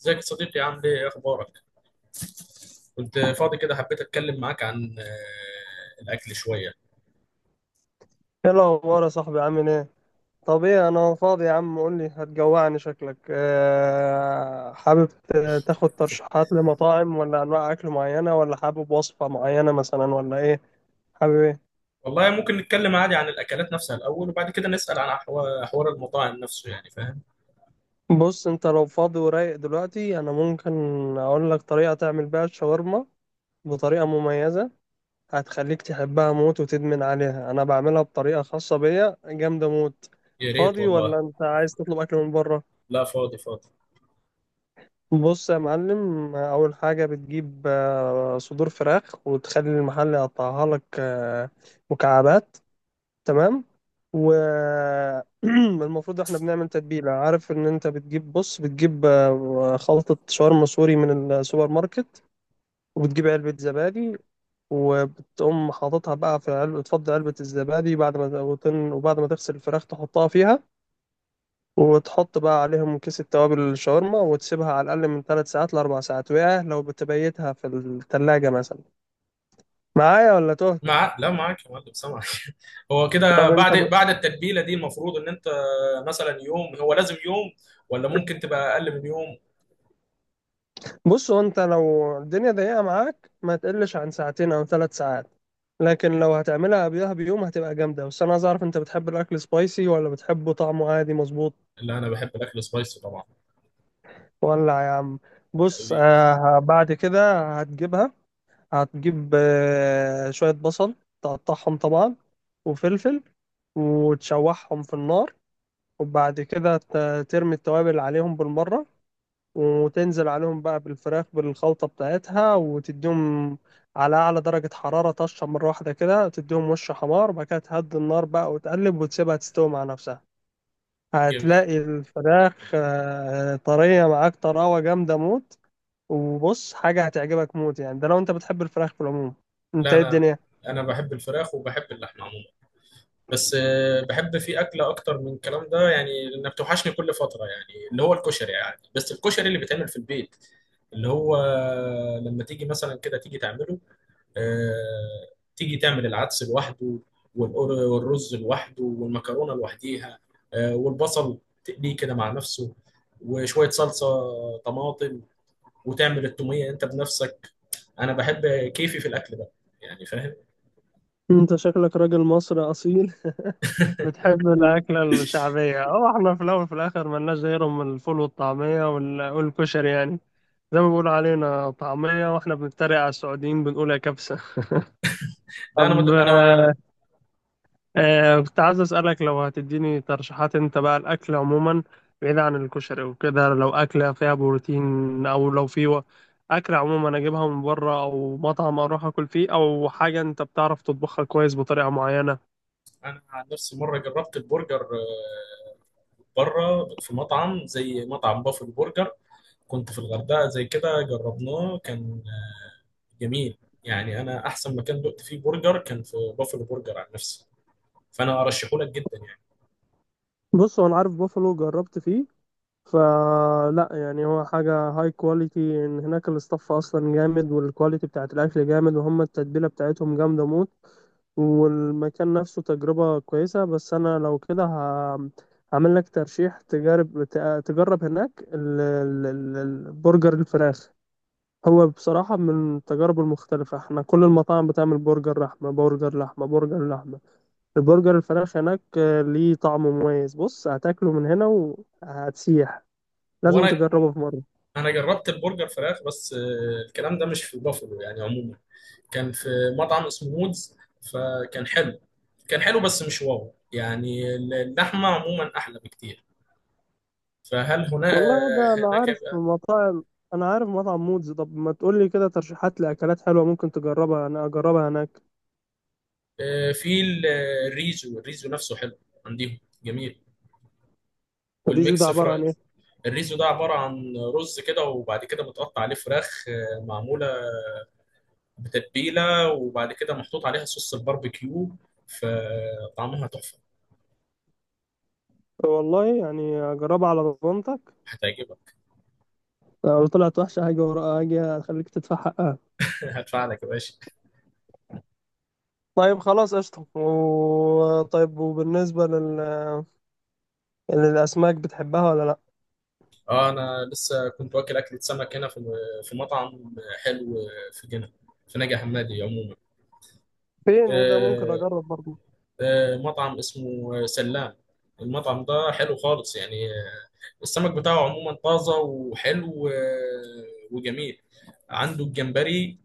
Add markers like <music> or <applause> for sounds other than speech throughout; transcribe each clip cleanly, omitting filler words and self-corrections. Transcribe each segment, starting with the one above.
ازيك يا صديقي؟ عامل ايه؟ إيه اخبارك؟ كنت فاضي كده، حبيت اتكلم معاك عن الاكل شويه. ايه الاخبار يا صاحبي؟ عامل ايه؟ طب ايه، انا فاضي يا عم، قول لي. هتجوعني شكلك. حابب تاخد ترشيحات لمطاعم، ولا انواع اكل معينه، ولا حابب وصفه معينه مثلا، ولا ايه؟ حابب ايه؟ والله ممكن نتكلم عادي عن الاكلات نفسها الاول، وبعد كده نسال عن حوار المطاعم نفسه، يعني فاهم. بص، انت لو فاضي ورايق دلوقتي انا ممكن اقول لك طريقه تعمل بيها الشاورما بطريقه مميزه، هتخليك تحبها موت وتدمن عليها. انا بعملها بطريقه خاصه بيا جامده موت. يا ريت فاضي والله. ولا انت عايز تطلب اكل من بره؟ لا فاضي فاضي. بص يا معلم، أول حاجة بتجيب صدور فراخ، وتخلي المحل يقطعها لك مكعبات. تمام. والمفروض <clears throat> احنا بنعمل تتبيلة. عارف ان انت بتجيب، بص بتجيب خلطة شاورما سوري من السوبر ماركت، وبتجيب علبة زبادي، وبتقوم حاططها بقى في علبة. تفضي علبة الزبادي، بعد ما وبعد ما تغسل الفراخ تحطها فيها، وتحط بقى عليهم كيس التوابل الشاورما، وتسيبها على الأقل من ثلاث ساعات لأربع ساعات، وياه لو بتبيتها في التلاجة مثلا. معايا ولا تهت؟ لا معاك يا معلم، سامعك. <laughs> هو كده طب انت بعد بعد التتبيله دي المفروض ان انت مثلا يوم، هو لازم يوم ولا ممكن تبقى اقل من يوم؟ بص، هو انت لو الدنيا ضيقة معاك ما تقلش عن ساعتين أو ثلاث ساعات، لكن لو هتعملها قبلها بيوم هتبقى جامدة. بس أنا عايز أعرف، أنت بتحب الأكل سبايسي ولا بتحبه طعمه عادي مظبوط؟ لا انا بحب الاكل سبايسي طبعا. ولا يا عم. بص حبيبي. بعد كده هتجيبها، هتجيب شوية بصل تقطعهم طبعا، وفلفل، وتشوحهم في النار، وبعد كده ترمي التوابل عليهم بالمرة، وتنزل عليهم بقى بالفراخ بالخلطة بتاعتها، وتديهم على أعلى درجة حرارة طشة مرة واحدة كده، تديهم وش حمار، وبعد كده تهدي النار بقى وتقلب وتسيبها تستوي مع نفسها. جميل. هتلاقي الفراخ طرية معاك، طراوة جامدة موت. وبص، حاجة هتعجبك موت، يعني ده لو انت بتحب الفراخ في العموم. انت لا ايه انا الدنيا؟ انا بحب الفراخ وبحب اللحمه عموما. بس بحب فيه أكلة أكتر من الكلام ده، يعني لأنها بتوحشني كل فترة، يعني اللي هو الكشري يعني، بس الكشري اللي بيتعمل في البيت، اللي هو لما تيجي مثلا كده تيجي تعمله، آه، تيجي تعمل العدس لوحده، والرز لوحده والمكرونة لوحديها، والبصل تقليه كده مع نفسه، وشوية صلصة طماطم، وتعمل التومية أنت بنفسك. أنا بحب كيفي في الأكل ده، يعني فاهم. انت شكلك راجل مصري اصيل. <laughs> بتحب الاكله الشعبيه. اه، احنا في الاول وفي الاخر ملناش غيرهم من الفول والطعميه والكشري يعني. زي ما بيقولوا علينا طعميه، واحنا بنتريق على السعوديين بنقول يا كبسه. <laughs> لا أنا مد... طب أنا كنت عايز أسألك، لو هتديني ترشيحات أنت بقى، الأكل عموما بعيد عن الكشري وكده، لو أكلة فيها بروتين أو لو في أكل عموما أجيبها من بره، أو مطعم أروح أكل فيه، أو حاجة أنت بتعرف تطبخها كويس بطريقة معينة. انا عن نفسي مره جربت البرجر بره في مطعم، زي مطعم بافل برجر. كنت في الغردقه زي كده جربناه، كان جميل، يعني انا احسن مكان دقت فيه برجر كان في بافل برجر عن نفسي، فانا ارشحه لك جدا يعني. بص، هو انا عارف بوفالو، جربت فيه فلا. يعني هو حاجه هاي كواليتي، ان هناك الاستاف اصلا جامد، والكواليتي بتاعت الاكل جامد، وهم التتبيله بتاعتهم جامده موت، والمكان نفسه تجربه كويسه. بس انا لو كده هعمل لك ترشيح. تجرب، تجرب هناك البرجر الفراخ. هو بصراحه من التجارب المختلفه، احنا كل المطاعم بتعمل برجر لحمه، برجر لحمه، برجر لحمه. البرجر الفراخ هناك ليه طعم مميز. بص، هتاكله من هنا وهتسيح. هو لازم انا تجربه في مرة. انا جربت البرجر فراخ، بس الكلام ده مش في بافلو يعني، عموما كان في مطعم اسمه مودز، فكان حلو، كان حلو بس مش واو يعني، اللحمه عموما احلى بكتير. فهل هنا والله، ده أنا هناك عارف مطاعم، أنا عارف مطعم مودز. طب ما تقولي كده ترشيحات لأكلات حلوة ممكن تجربها أنا أجربها هناك. في الريزو نفسه حلو عندهم، جميل. الريزو ده والميكس عبارة فر... عن إيه؟ الريزو ده عبارة عن رز كده، وبعد كده متقطع عليه فراخ معمولة بتتبيلة، وبعد كده محطوط عليها صوص الباربيكيو، فطعمها تحفة. والله يعني أجربها على ضمانتك. هتعجبك. لو طلعت وحشة هاجي وراها، هاجي أخليك تدفع حقها. <laughs> هتفعلك يا باشا. طيب خلاص قشطة. طيب، وبالنسبة للأسماك، بتحبها ولا لأ؟ اه انا لسه كنت واكل اكلة سمك هنا في في مطعم حلو في جنة، في نجع حمادي عموما. فين؟ إيه ده؟ ممكن آه، أجرب برضه. مطعم اسمه سلام. المطعم ده حلو خالص يعني، السمك بتاعه عموما طازة وحلو وجميل. عنده الجمبري،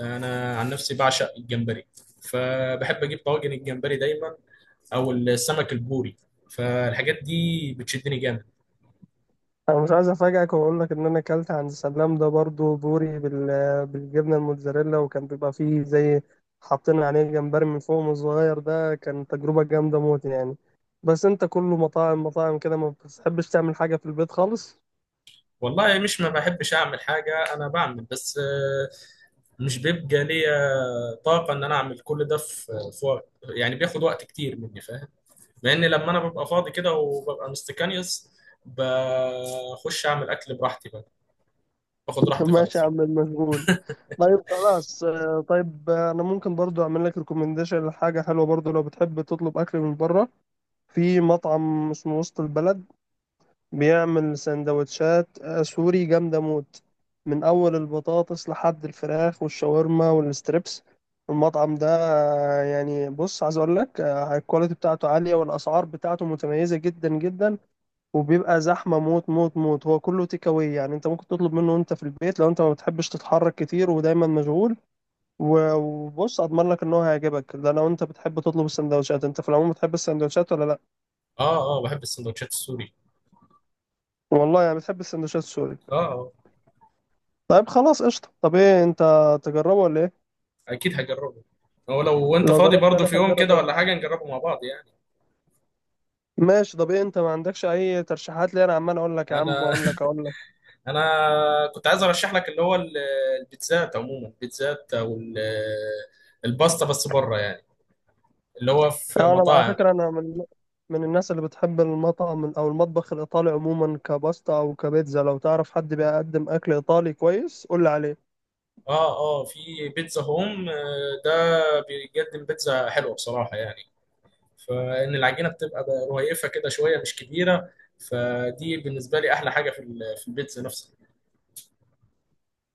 أنا عن نفسي بعشق الجمبري، فبحب أجيب طواجن الجمبري دايما، أو السمك البوري، فالحاجات دي بتشدني جامد. انا مش عايز افاجئك واقول لك ان انا اكلت عند سلام ده برضو بوري بالجبنه الموتزاريلا، وكان بيبقى فيه زي حاطين عليه جمبري من فوق صغير. ده كان تجربه جامده موت يعني. بس انت كله مطاعم، مطاعم كده، ما بتحبش تعمل حاجه في البيت خالص؟ والله مش ما بحبش أعمل حاجة، أنا بعمل بس مش بيبقى ليا طاقة إن أنا أعمل كل ده في في وقت، يعني بياخد وقت كتير مني فاهم. لأن لما أنا ببقى فاضي كده وببقى مستكانيوس، بخش أعمل أكل براحتي بقى، باخد <laughs> راحتي ماشي يا خالص. عم المشغول. طيب خلاص، طيب، انا ممكن برضو اعمل لك ريكومنديشن لحاجه حلوه، برضو لو بتحب تطلب اكل من بره. في مطعم اسمه وسط البلد، بيعمل سندوتشات سوري جامدة موت، من أول البطاطس لحد الفراخ والشاورما والستريبس. المطعم ده يعني بص عايز أقول لك، الكواليتي بتاعته عالية، والأسعار بتاعته متميزة جدا جدا، وبيبقى زحمة موت موت موت. هو كله تيك أواي، يعني أنت ممكن تطلب منه وأنت في البيت لو أنت ما بتحبش تتحرك كتير ودايما مشغول. وبص، أضمن لك إن هو هيعجبك، ده لو أنت بتحب تطلب السندوتشات. أنت في العموم بتحب السندوتشات ولا لأ؟ اه اه، بحب السندوتشات السوري. والله يعني بتحب السندوتشات سوري. اه اه. طيب خلاص قشطة. طب ايه انت، تجربه ولا ايه؟ اكيد هجربه. هو لو انت لو فاضي جربت برضه انا في يوم هتجرب كده ايه. ولا حاجه، نجربه مع بعض يعني. ماشي. طب ايه انت ما عندكش اي ترشيحات؟ ليه انا عمال اقول لك يا عم، انا اقول لك، <laughs> اقول لك. انا كنت عايز ارشح لك اللي هو البيتزات عموما، البيتزات او الباستا، بس بره يعني، اللي هو في يعني انا على مطاعم. فكرة انا من الناس اللي بتحب المطعم او المطبخ الايطالي عموما، كباستا او كبيتزا. لو تعرف حد بيقدم اكل ايطالي كويس قول لي عليه. اه اه، في بيتزا هوم ده بيقدم بيتزا حلوه بصراحه يعني، فان العجينه بتبقى رهيفه كده شويه مش كبيره، فدي بالنسبه لي احلى حاجه في في البيتزا نفسها.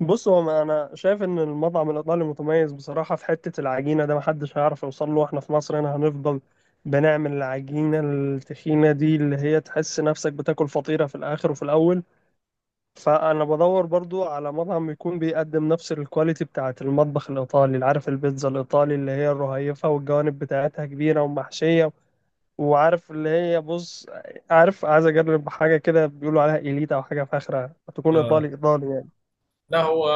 بص، هو ما انا شايف ان المطعم الايطالي متميز بصراحة في حتة العجينة ده، محدش هيعرف يوصل له. احنا في مصر هنا هنفضل بنعمل العجينة التخينة دي، اللي هي تحس نفسك بتاكل فطيرة في الاخر وفي الاول. فانا بدور برضو على مطعم يكون بيقدم نفس الكواليتي بتاعه المطبخ الايطالي، اللي عارف البيتزا الايطالي اللي هي الرهيفه والجوانب بتاعتها كبيره ومحشيه. وعارف اللي هي، بص، عارف عايز اجرب حاجه كده بيقولوا عليها إيليتا او حاجه فاخره، هتكون ايطالي آه، ايطالي يعني. لا هو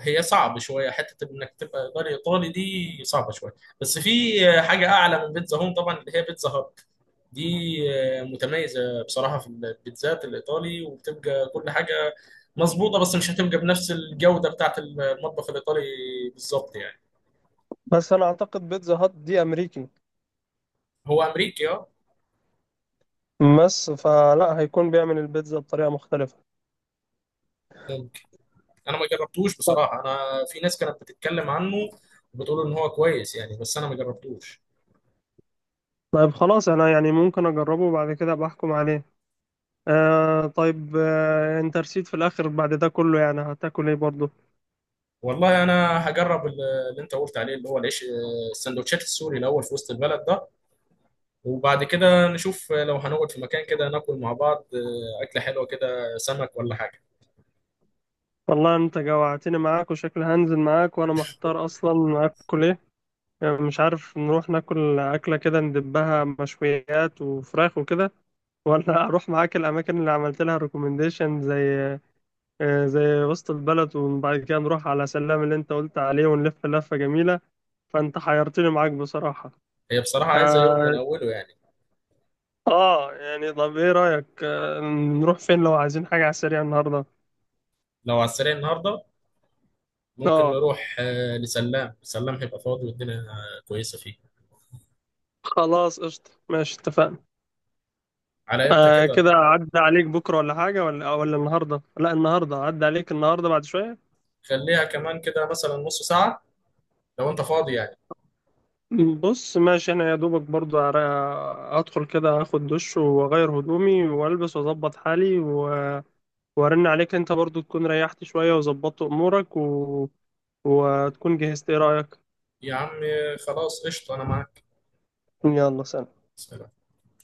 هي صعب شويه حته انك تبقى ايطالي ايطالي، دي صعبه شويه، بس في حاجه اعلى من بيتزا هوم طبعا، اللي هي بيتزا هات، دي متميزه بصراحه في البيتزات الايطالي، وبتبقى كل حاجه مظبوطه، بس مش هتبقى بنفس الجوده بتاعت المطبخ الايطالي بالظبط يعني. بس انا اعتقد بيتزا هات دي امريكي، هو امريكي اه. بس فلا هيكون بيعمل البيتزا بطريقه مختلفه. ممكن. انا ما جربتوش بصراحه، انا في ناس كانت بتتكلم عنه وبتقول ان هو كويس يعني، بس انا ما جربتوش. طيب خلاص، انا يعني ممكن اجربه وبعد كده بحكم عليه. آه طيب، آه انت رسيت في الاخر بعد ده كله، يعني هتاكل ايه برضو؟ والله انا هجرب اللي انت قلت عليه، اللي هو العيش السندوتشات السوري الاول في وسط البلد ده، وبعد كده نشوف لو هنقعد في مكان كده ناكل مع بعض اكله حلوه كده، سمك ولا حاجه. والله انت جوعتني معاك، وشكل هنزل معاك وانا محتار اصلا اكل ايه. يعني مش عارف نروح ناكل اكله كده ندبها مشويات وفراخ وكده، ولا <laughs> اروح معاك الاماكن اللي عملت لها ريكومنديشن، زي زي وسط البلد، وبعد كده نروح على سلام اللي انت قلت عليه ونلف لفه جميله. فانت حيرتني معاك بصراحه. هي بصراحه عايزه يوم من اه، اوله يعني. يعني طب ايه رايك، نروح فين لو عايزين حاجه على السريع النهارده؟ لو على السريع النهارده، ممكن اه. نروح لسلام، سلام هيبقى فاضي، والدنيا كويسه فيه. خلاص قشطه، ماشي، اتفقنا. على امتى كده؟ كده عدى عليك بكرة ولا حاجة، ولا ولا النهاردة؟ لا النهاردة، عدى عليك النهاردة بعد شوية. خليها كمان كده مثلا نص ساعه، لو انت فاضي يعني. بص ماشي، انا يا دوبك برضو هدخل كده، هاخد دش واغير هدومي والبس واظبط حالي وارن عليك. انت برضو تكون ريحت شوية وظبطت امورك وتكون جهزت. ايه رأيك؟ يا عم خلاص قشطه انا معاك. يلا سلام. سلام.